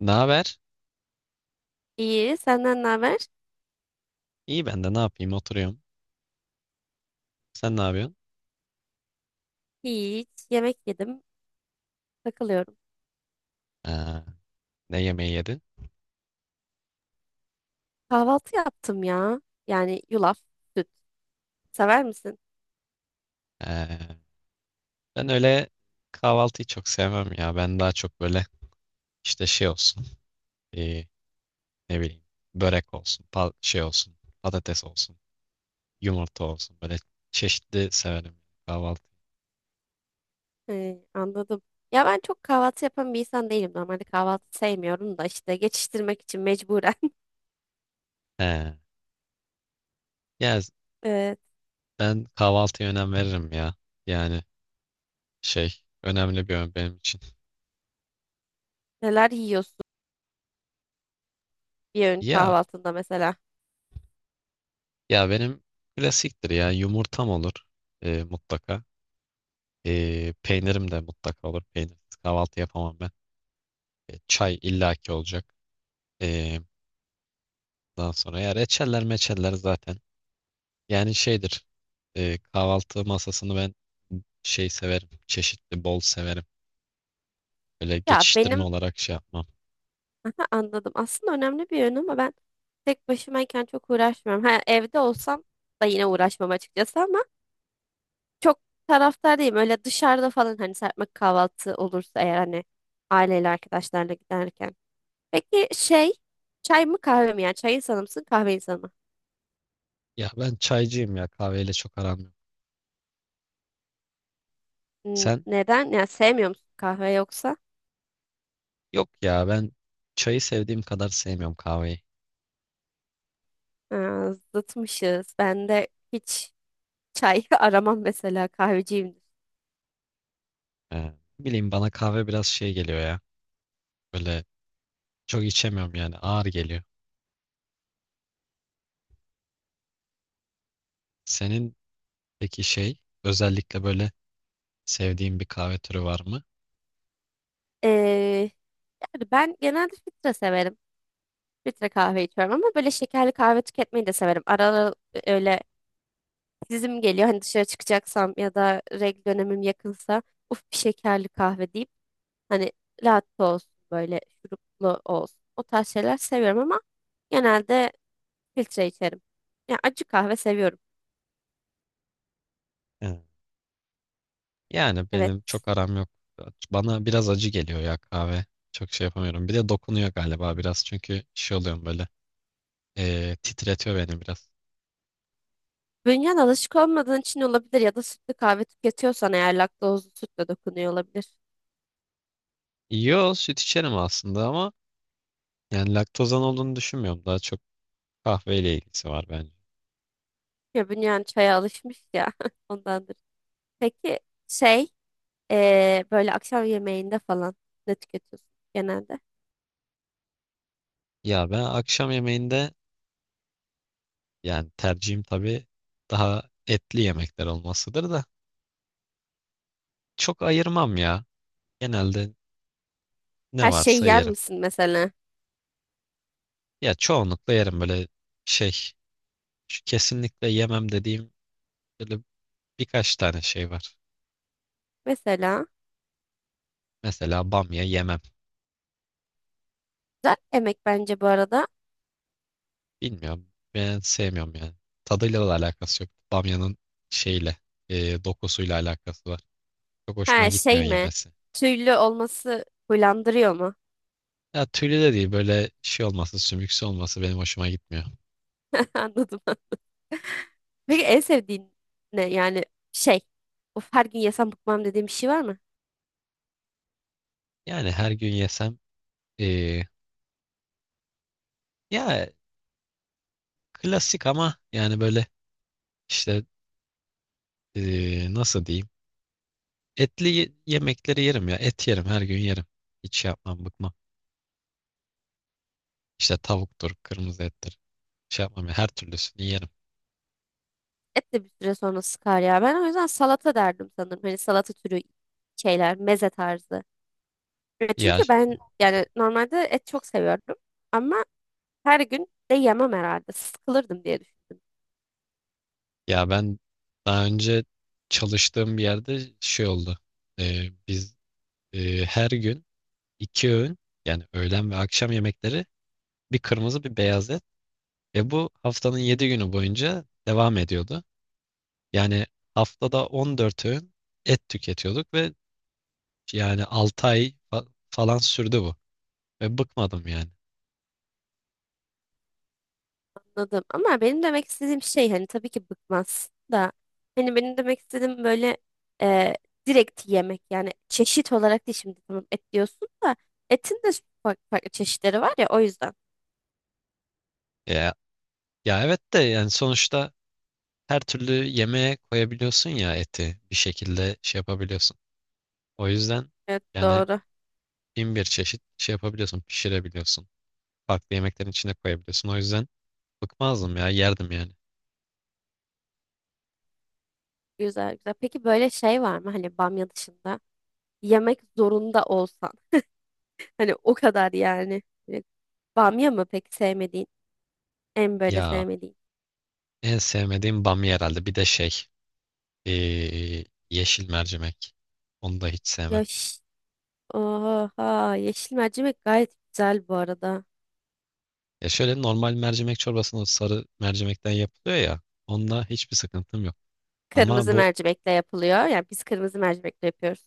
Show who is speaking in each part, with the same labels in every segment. Speaker 1: Ne haber?
Speaker 2: İyi, senden ne haber?
Speaker 1: İyi ben de ne yapayım, oturuyorum. Sen ne yapıyorsun?
Speaker 2: Hiç, yemek yedim, takılıyorum.
Speaker 1: Ha, ne yemeği yedin?
Speaker 2: Kahvaltı yaptım ya. Yani yulaf, süt. Sever misin?
Speaker 1: Ha, ben öyle kahvaltıyı çok sevmem ya. Ben daha çok böyle işte şey olsun. e, Ne bileyim, börek olsun, şey olsun, patates olsun, yumurta olsun. Böyle çeşitli severim kahvaltı.
Speaker 2: He, anladım. Ya ben çok kahvaltı yapan bir insan değilim. Normalde kahvaltı sevmiyorum da işte geçiştirmek için mecburen.
Speaker 1: He. Ya
Speaker 2: Evet,
Speaker 1: ben kahvaltıya önem veririm ya. Yani şey, önemli bir ön benim için.
Speaker 2: neler yiyorsun bir öğün
Speaker 1: Ya,
Speaker 2: kahvaltında mesela?
Speaker 1: ya benim klasiktir ya, yumurtam olur mutlaka. Peynirim de mutlaka olur. Peynirsiz kahvaltı yapamam ben. E, çay illaki olacak. Ee, Daha sonra ya reçeller meçeller zaten. Yani şeydir. Kahvaltı masasını ben şey severim. Çeşitli bol severim. Böyle
Speaker 2: Ya
Speaker 1: geçiştirme
Speaker 2: benim,
Speaker 1: olarak şey yapmam.
Speaker 2: aha, anladım. Aslında önemli bir öğün ama ben tek başımayken çok uğraşmıyorum. Ha, evde olsam da yine uğraşmam açıkçası ama çok taraftar değilim. Öyle dışarıda falan hani serpme kahvaltı olursa eğer hani aileyle arkadaşlarla giderken. Peki şey çay mı kahve mi? Yani çay insanı mısın kahve insanı mı?
Speaker 1: Ya ben çaycıyım ya. Kahveyle çok aram yok.
Speaker 2: N-
Speaker 1: Sen?
Speaker 2: Neden? Yani sevmiyor musun kahve yoksa?
Speaker 1: Yok ya, ben çayı sevdiğim kadar sevmiyorum kahveyi.
Speaker 2: Ha, zıtmışız. Ben de hiç çay aramam mesela kahveciyimdir.
Speaker 1: Ee, Bileyim, bana kahve biraz şey geliyor ya. Böyle çok içemiyorum yani, ağır geliyor. Senin peki şey, özellikle böyle sevdiğim bir kahve türü var mı?
Speaker 2: Ee, yani ben genelde filtre severim. Filtre kahve içiyorum ama böyle şekerli kahve tüketmeyi de severim. Ara ara öyle dizim geliyor. Hani dışarı çıkacaksam ya da regl dönemim yakınsa uf bir şekerli kahve deyip hani latte olsun böyle şuruplu olsun. O tarz şeyler seviyorum ama genelde filtre içerim. Yani acı kahve seviyorum.
Speaker 1: Evet. Yani benim
Speaker 2: Evet.
Speaker 1: çok aram yok. Bana biraz acı geliyor ya kahve. Çok şey yapamıyorum. Bir de dokunuyor galiba biraz. Çünkü şey oluyorum böyle. Titretiyor beni biraz.
Speaker 2: Bünyen alışık olmadığın için olabilir ya da sütlü kahve tüketiyorsan eğer laktozlu sütle dokunuyor olabilir.
Speaker 1: Yo, süt içerim aslında ama yani laktozan olduğunu düşünmüyorum. Daha çok kahveyle ilgisi var bence.
Speaker 2: Ya bünyen çaya alışmış ya ondandır. Peki şey böyle akşam yemeğinde falan ne tüketiyorsun genelde?
Speaker 1: Ya ben akşam yemeğinde, yani tercihim tabii daha etli yemekler olmasıdır da çok ayırmam ya. Genelde ne
Speaker 2: Her şeyi
Speaker 1: varsa
Speaker 2: yer
Speaker 1: yerim.
Speaker 2: misin mesela?
Speaker 1: Ya çoğunlukla yerim böyle şey, şu kesinlikle yemem dediğim böyle birkaç tane şey var.
Speaker 2: Mesela
Speaker 1: Mesela bamya yemem.
Speaker 2: güzel emek bence bu arada.
Speaker 1: Bilmiyorum. Ben sevmiyorum yani. Tadıyla da alakası yok. Bamyanın şeyle, dokusuyla alakası var. Çok hoşuma
Speaker 2: Ha,
Speaker 1: gitmiyor
Speaker 2: şey mi?
Speaker 1: yemesi.
Speaker 2: Tüylü olması huylandırıyor mu?
Speaker 1: Ya tüylü de değil, böyle şey olması, sümüksü olması benim hoşuma gitmiyor.
Speaker 2: Anladım. Peki en sevdiğin ne? Yani şey. Of, her gün yesem bıkmam dediğim bir şey var mı?
Speaker 1: Yani her gün yesem e, ya klasik ama yani böyle işte, nasıl diyeyim? Etli yemekleri yerim ya. Et yerim, her gün yerim. Hiç şey yapmam, bıkmam. İşte tavuktur, kırmızı ettir. Şey yapmam ya, her türlüsünü yerim.
Speaker 2: Et de bir süre sonra sıkar ya. Ben o yüzden salata derdim sanırım. Hani salata türü şeyler, meze tarzı. E,
Speaker 1: Ya
Speaker 2: çünkü ben yani normalde et çok seviyordum. Ama her gün de yemem herhalde. Sıkılırdım diye düşündüm.
Speaker 1: ya ben daha önce çalıştığım bir yerde şey oldu. Biz her gün iki öğün, yani öğlen ve akşam yemekleri, bir kırmızı bir beyaz et ve bu haftanın yedi günü boyunca devam ediyordu. Yani haftada 14 öğün et tüketiyorduk ve yani 6 ay falan sürdü bu. Ve bıkmadım yani.
Speaker 2: Anladım. Ama benim demek istediğim şey hani tabii ki bıkmaz da hani benim demek istediğim böyle e, direkt yemek yani çeşit olarak değil şimdi tamam et diyorsun da etin de farklı çeşitleri var ya o yüzden.
Speaker 1: Ya, ya evet de yani sonuçta her türlü yemeğe koyabiliyorsun ya, eti bir şekilde şey yapabiliyorsun. O yüzden
Speaker 2: Evet,
Speaker 1: yani
Speaker 2: doğru.
Speaker 1: bin bir çeşit şey yapabiliyorsun, pişirebiliyorsun. Farklı yemeklerin içine koyabiliyorsun. O yüzden bıkmazdım ya, yerdim yani.
Speaker 2: Güzel güzel. Peki böyle şey var mı hani bamya dışında yemek zorunda olsan hani o kadar yani. Hani bamya mı peki sevmediğin? En böyle
Speaker 1: Ya,
Speaker 2: sevmediğin.
Speaker 1: en sevmediğim bamya herhalde. Bir de şey, yeşil mercimek. Onu da hiç sevmem.
Speaker 2: Yaş. Oha, yeşil mercimek gayet güzel bu arada.
Speaker 1: Ya şöyle normal mercimek çorbasının o sarı mercimekten yapılıyor ya. Onunla hiçbir sıkıntım yok. Ama
Speaker 2: Kırmızı
Speaker 1: bu,
Speaker 2: mercimekle yapılıyor. Yani biz kırmızı mercimekle yapıyoruz.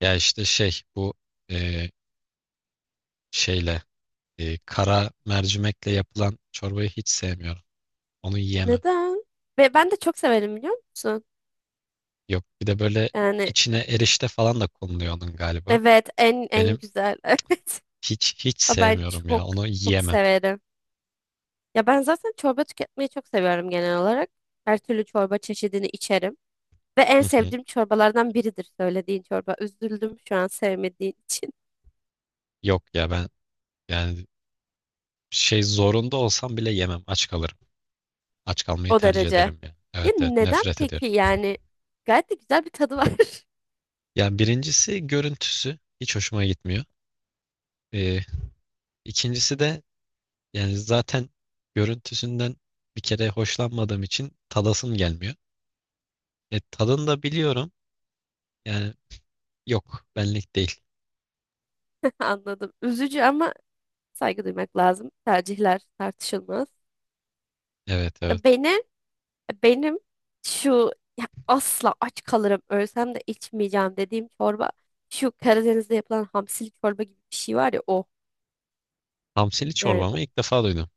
Speaker 1: ya işte şey bu, eee, şeyle, kara mercimekle yapılan çorbayı hiç sevmiyorum. Onu yiyemem.
Speaker 2: Neden? Ve ben de çok severim biliyor musun?
Speaker 1: Yok, bir de böyle
Speaker 2: Yani
Speaker 1: içine erişte falan da konuluyor onun galiba.
Speaker 2: evet, en en
Speaker 1: Benim,
Speaker 2: güzel. Evet.
Speaker 1: hiç
Speaker 2: Ama ben
Speaker 1: sevmiyorum ya.
Speaker 2: çok
Speaker 1: Onu
Speaker 2: çok
Speaker 1: yiyemem.
Speaker 2: severim. Ya ben zaten çorba tüketmeyi çok seviyorum genel olarak. Her türlü çorba çeşidini içerim. Ve en
Speaker 1: Hı hı.
Speaker 2: sevdiğim çorbalardan biridir söylediğin çorba. Üzüldüm şu an sevmediğin için.
Speaker 1: Yok ya ben yani şey, zorunda olsam bile yemem. Aç kalırım. Aç kalmayı
Speaker 2: O
Speaker 1: tercih
Speaker 2: derece.
Speaker 1: ederim yani.
Speaker 2: Ya
Speaker 1: Evet, evet,
Speaker 2: neden
Speaker 1: nefret
Speaker 2: peki
Speaker 1: ediyorum.
Speaker 2: yani? Gayet de güzel bir tadı var.
Speaker 1: Yani birincisi görüntüsü hiç hoşuma gitmiyor. Ee, ikincisi de yani zaten görüntüsünden bir kere hoşlanmadığım için tadasım gelmiyor. E, tadını da biliyorum. Yani yok, benlik değil.
Speaker 2: Anladım. Üzücü ama saygı duymak lazım. Tercihler tartışılmaz.
Speaker 1: Evet, evet.
Speaker 2: E, beni, e, benim şu ya asla aç kalırım ölsem de içmeyeceğim dediğim çorba şu Karadeniz'de yapılan hamsili çorba gibi bir şey var ya o.
Speaker 1: Hamsili
Speaker 2: Yani o,
Speaker 1: çorbamı ilk defa duydum.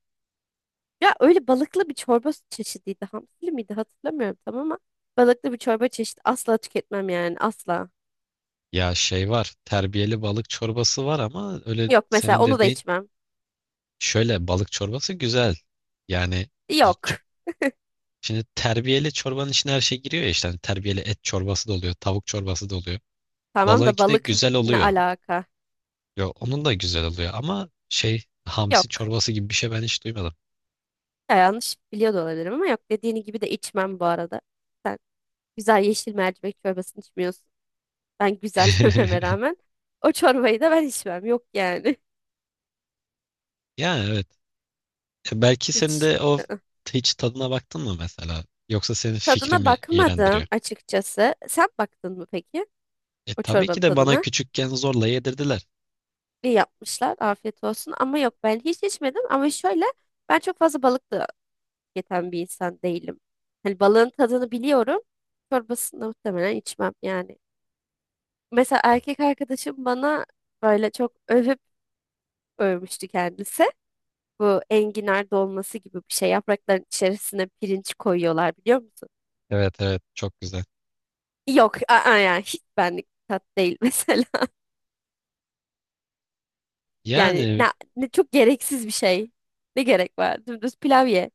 Speaker 2: ya öyle balıklı bir çorba çeşidiydi. Hamsili miydi hatırlamıyorum tam ama balıklı bir çorba çeşidi asla tüketmem yani asla.
Speaker 1: Ya şey var, terbiyeli balık çorbası var ama öyle
Speaker 2: Yok mesela
Speaker 1: senin
Speaker 2: onu da
Speaker 1: dediğin,
Speaker 2: içmem.
Speaker 1: şöyle balık çorbası güzel. Yani
Speaker 2: Yok.
Speaker 1: şimdi terbiyeli çorbanın içine her şey giriyor ya, işte hani terbiyeli et çorbası da oluyor, tavuk çorbası da oluyor.
Speaker 2: Tamam da
Speaker 1: Balığınki de
Speaker 2: balık
Speaker 1: güzel
Speaker 2: ne
Speaker 1: oluyor.
Speaker 2: alaka?
Speaker 1: Yo, onun da güzel oluyor ama şey, hamsi
Speaker 2: Yok.
Speaker 1: çorbası gibi bir şey ben hiç duymadım.
Speaker 2: Ya yanlış biliyor da olabilirim ama yok dediğini gibi de içmem bu arada. Sen. Güzel yeşil mercimek çorbasını içmiyorsun. Ben güzel dememe rağmen o çorbayı da ben içmem. Yok yani.
Speaker 1: Yani evet. E, belki senin
Speaker 2: Hiç.
Speaker 1: de o
Speaker 2: I-ı.
Speaker 1: hiç tadına baktın mı mesela? Yoksa senin fikri
Speaker 2: Tadına
Speaker 1: mi
Speaker 2: bakmadım
Speaker 1: iğrendiriyor?
Speaker 2: açıkçası. Sen baktın mı peki
Speaker 1: E
Speaker 2: o
Speaker 1: tabii ki
Speaker 2: çorbanın
Speaker 1: de bana
Speaker 2: tadına?
Speaker 1: küçükken zorla yedirdiler.
Speaker 2: İyi yapmışlar. Afiyet olsun. Ama yok, ben hiç içmedim. Ama şöyle ben çok fazla balık da yeten bir insan değilim. Hani balığın tadını biliyorum. Çorbasını da muhtemelen içmem yani. Mesela erkek arkadaşım bana böyle çok övüp övmüştü kendisi. Bu enginar dolması gibi bir şey. Yaprakların içerisine pirinç koyuyorlar biliyor musun?
Speaker 1: Evet, evet çok güzel.
Speaker 2: Yok, aa, yani hiç benlik bir tat değil mesela. Yani ne,
Speaker 1: Yani
Speaker 2: ne çok gereksiz bir şey. Ne gerek var? Dümdüz pilav ye.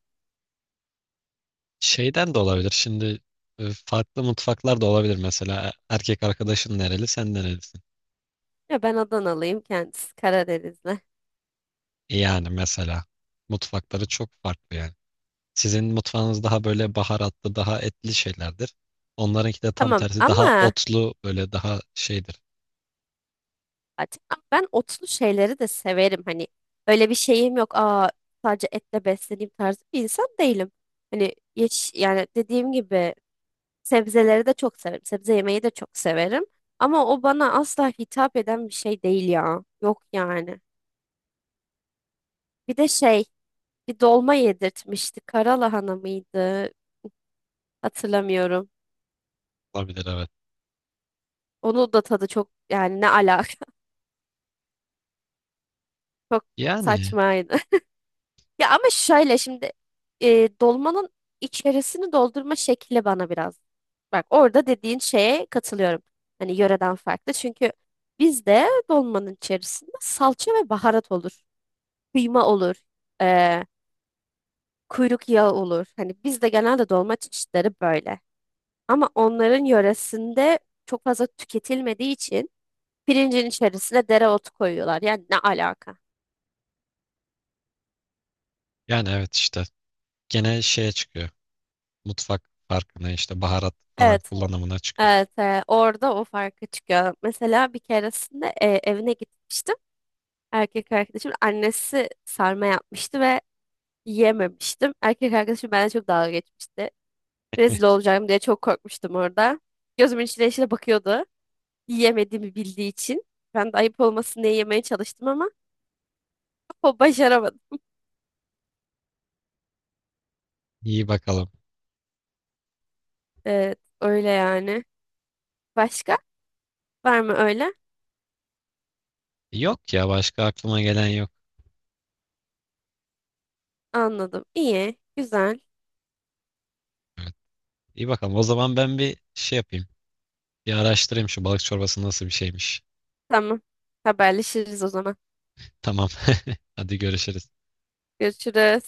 Speaker 1: şeyden de olabilir. Şimdi farklı mutfaklar da olabilir mesela. Erkek arkadaşın nereli, sen nerelisin?
Speaker 2: Ya ben Adanalıyım, kendisi Karadenizli.
Speaker 1: Yani mesela mutfakları çok farklı yani. Sizin mutfağınız daha böyle baharatlı, daha etli şeylerdir. Onlarınki de tam
Speaker 2: Tamam
Speaker 1: tersi daha
Speaker 2: ama
Speaker 1: otlu, böyle daha şeydir.
Speaker 2: zaten ben otlu şeyleri de severim. Hani öyle bir şeyim yok. Aa, sadece etle besleneyim tarzı bir insan değilim. Hani yeş yani dediğim gibi sebzeleri de çok severim. Sebze yemeyi de çok severim. Ama o bana asla hitap eden bir şey değil ya. Yok yani. Bir de şey, bir dolma yedirtmişti. Karalahana mıydı? Hatırlamıyorum.
Speaker 1: Olabilir evet.
Speaker 2: Onu da tadı çok yani ne alaka çok
Speaker 1: Yani
Speaker 2: saçmaydı. Ya ama şöyle şimdi e, dolmanın içerisini doldurma şekli bana biraz. Bak orada dediğin şeye katılıyorum. Hani yöreden farklı. Çünkü bizde dolmanın içerisinde salça ve baharat olur. Kıyma olur, eee, kuyruk yağı olur. Hani bizde genelde dolma çeşitleri böyle. Ama onların yöresinde çok fazla tüketilmediği için pirincin içerisine dereotu koyuyorlar. Yani ne alaka?
Speaker 1: yani evet işte gene şeye çıkıyor. Mutfak farkına, işte baharat falan
Speaker 2: Evet,
Speaker 1: kullanımına çıkıyor.
Speaker 2: evet, orada o farkı çıkıyor. Mesela bir keresinde evine gitmiştim. Erkek arkadaşımın annesi sarma yapmıştı ve yiyememiştim. Erkek arkadaşım benden çok dalga geçmişti. Rezil olacağım diye çok korkmuştum orada. Gözümün içine içine bakıyordu. Yiyemediğimi bildiği için. Ben de ayıp olmasın diye yemeye çalıştım ama o başaramadı.
Speaker 1: İyi bakalım.
Speaker 2: Evet, öyle yani. Başka? Var mı öyle?
Speaker 1: Yok ya, başka aklıma gelen yok.
Speaker 2: Anladım. İyi, güzel.
Speaker 1: Evet. İyi bakalım. O zaman ben bir şey yapayım. Bir araştırayım şu balık çorbası nasıl bir şeymiş.
Speaker 2: Tamam. Haberleşiriz o zaman.
Speaker 1: Tamam. Hadi görüşürüz.
Speaker 2: Görüşürüz.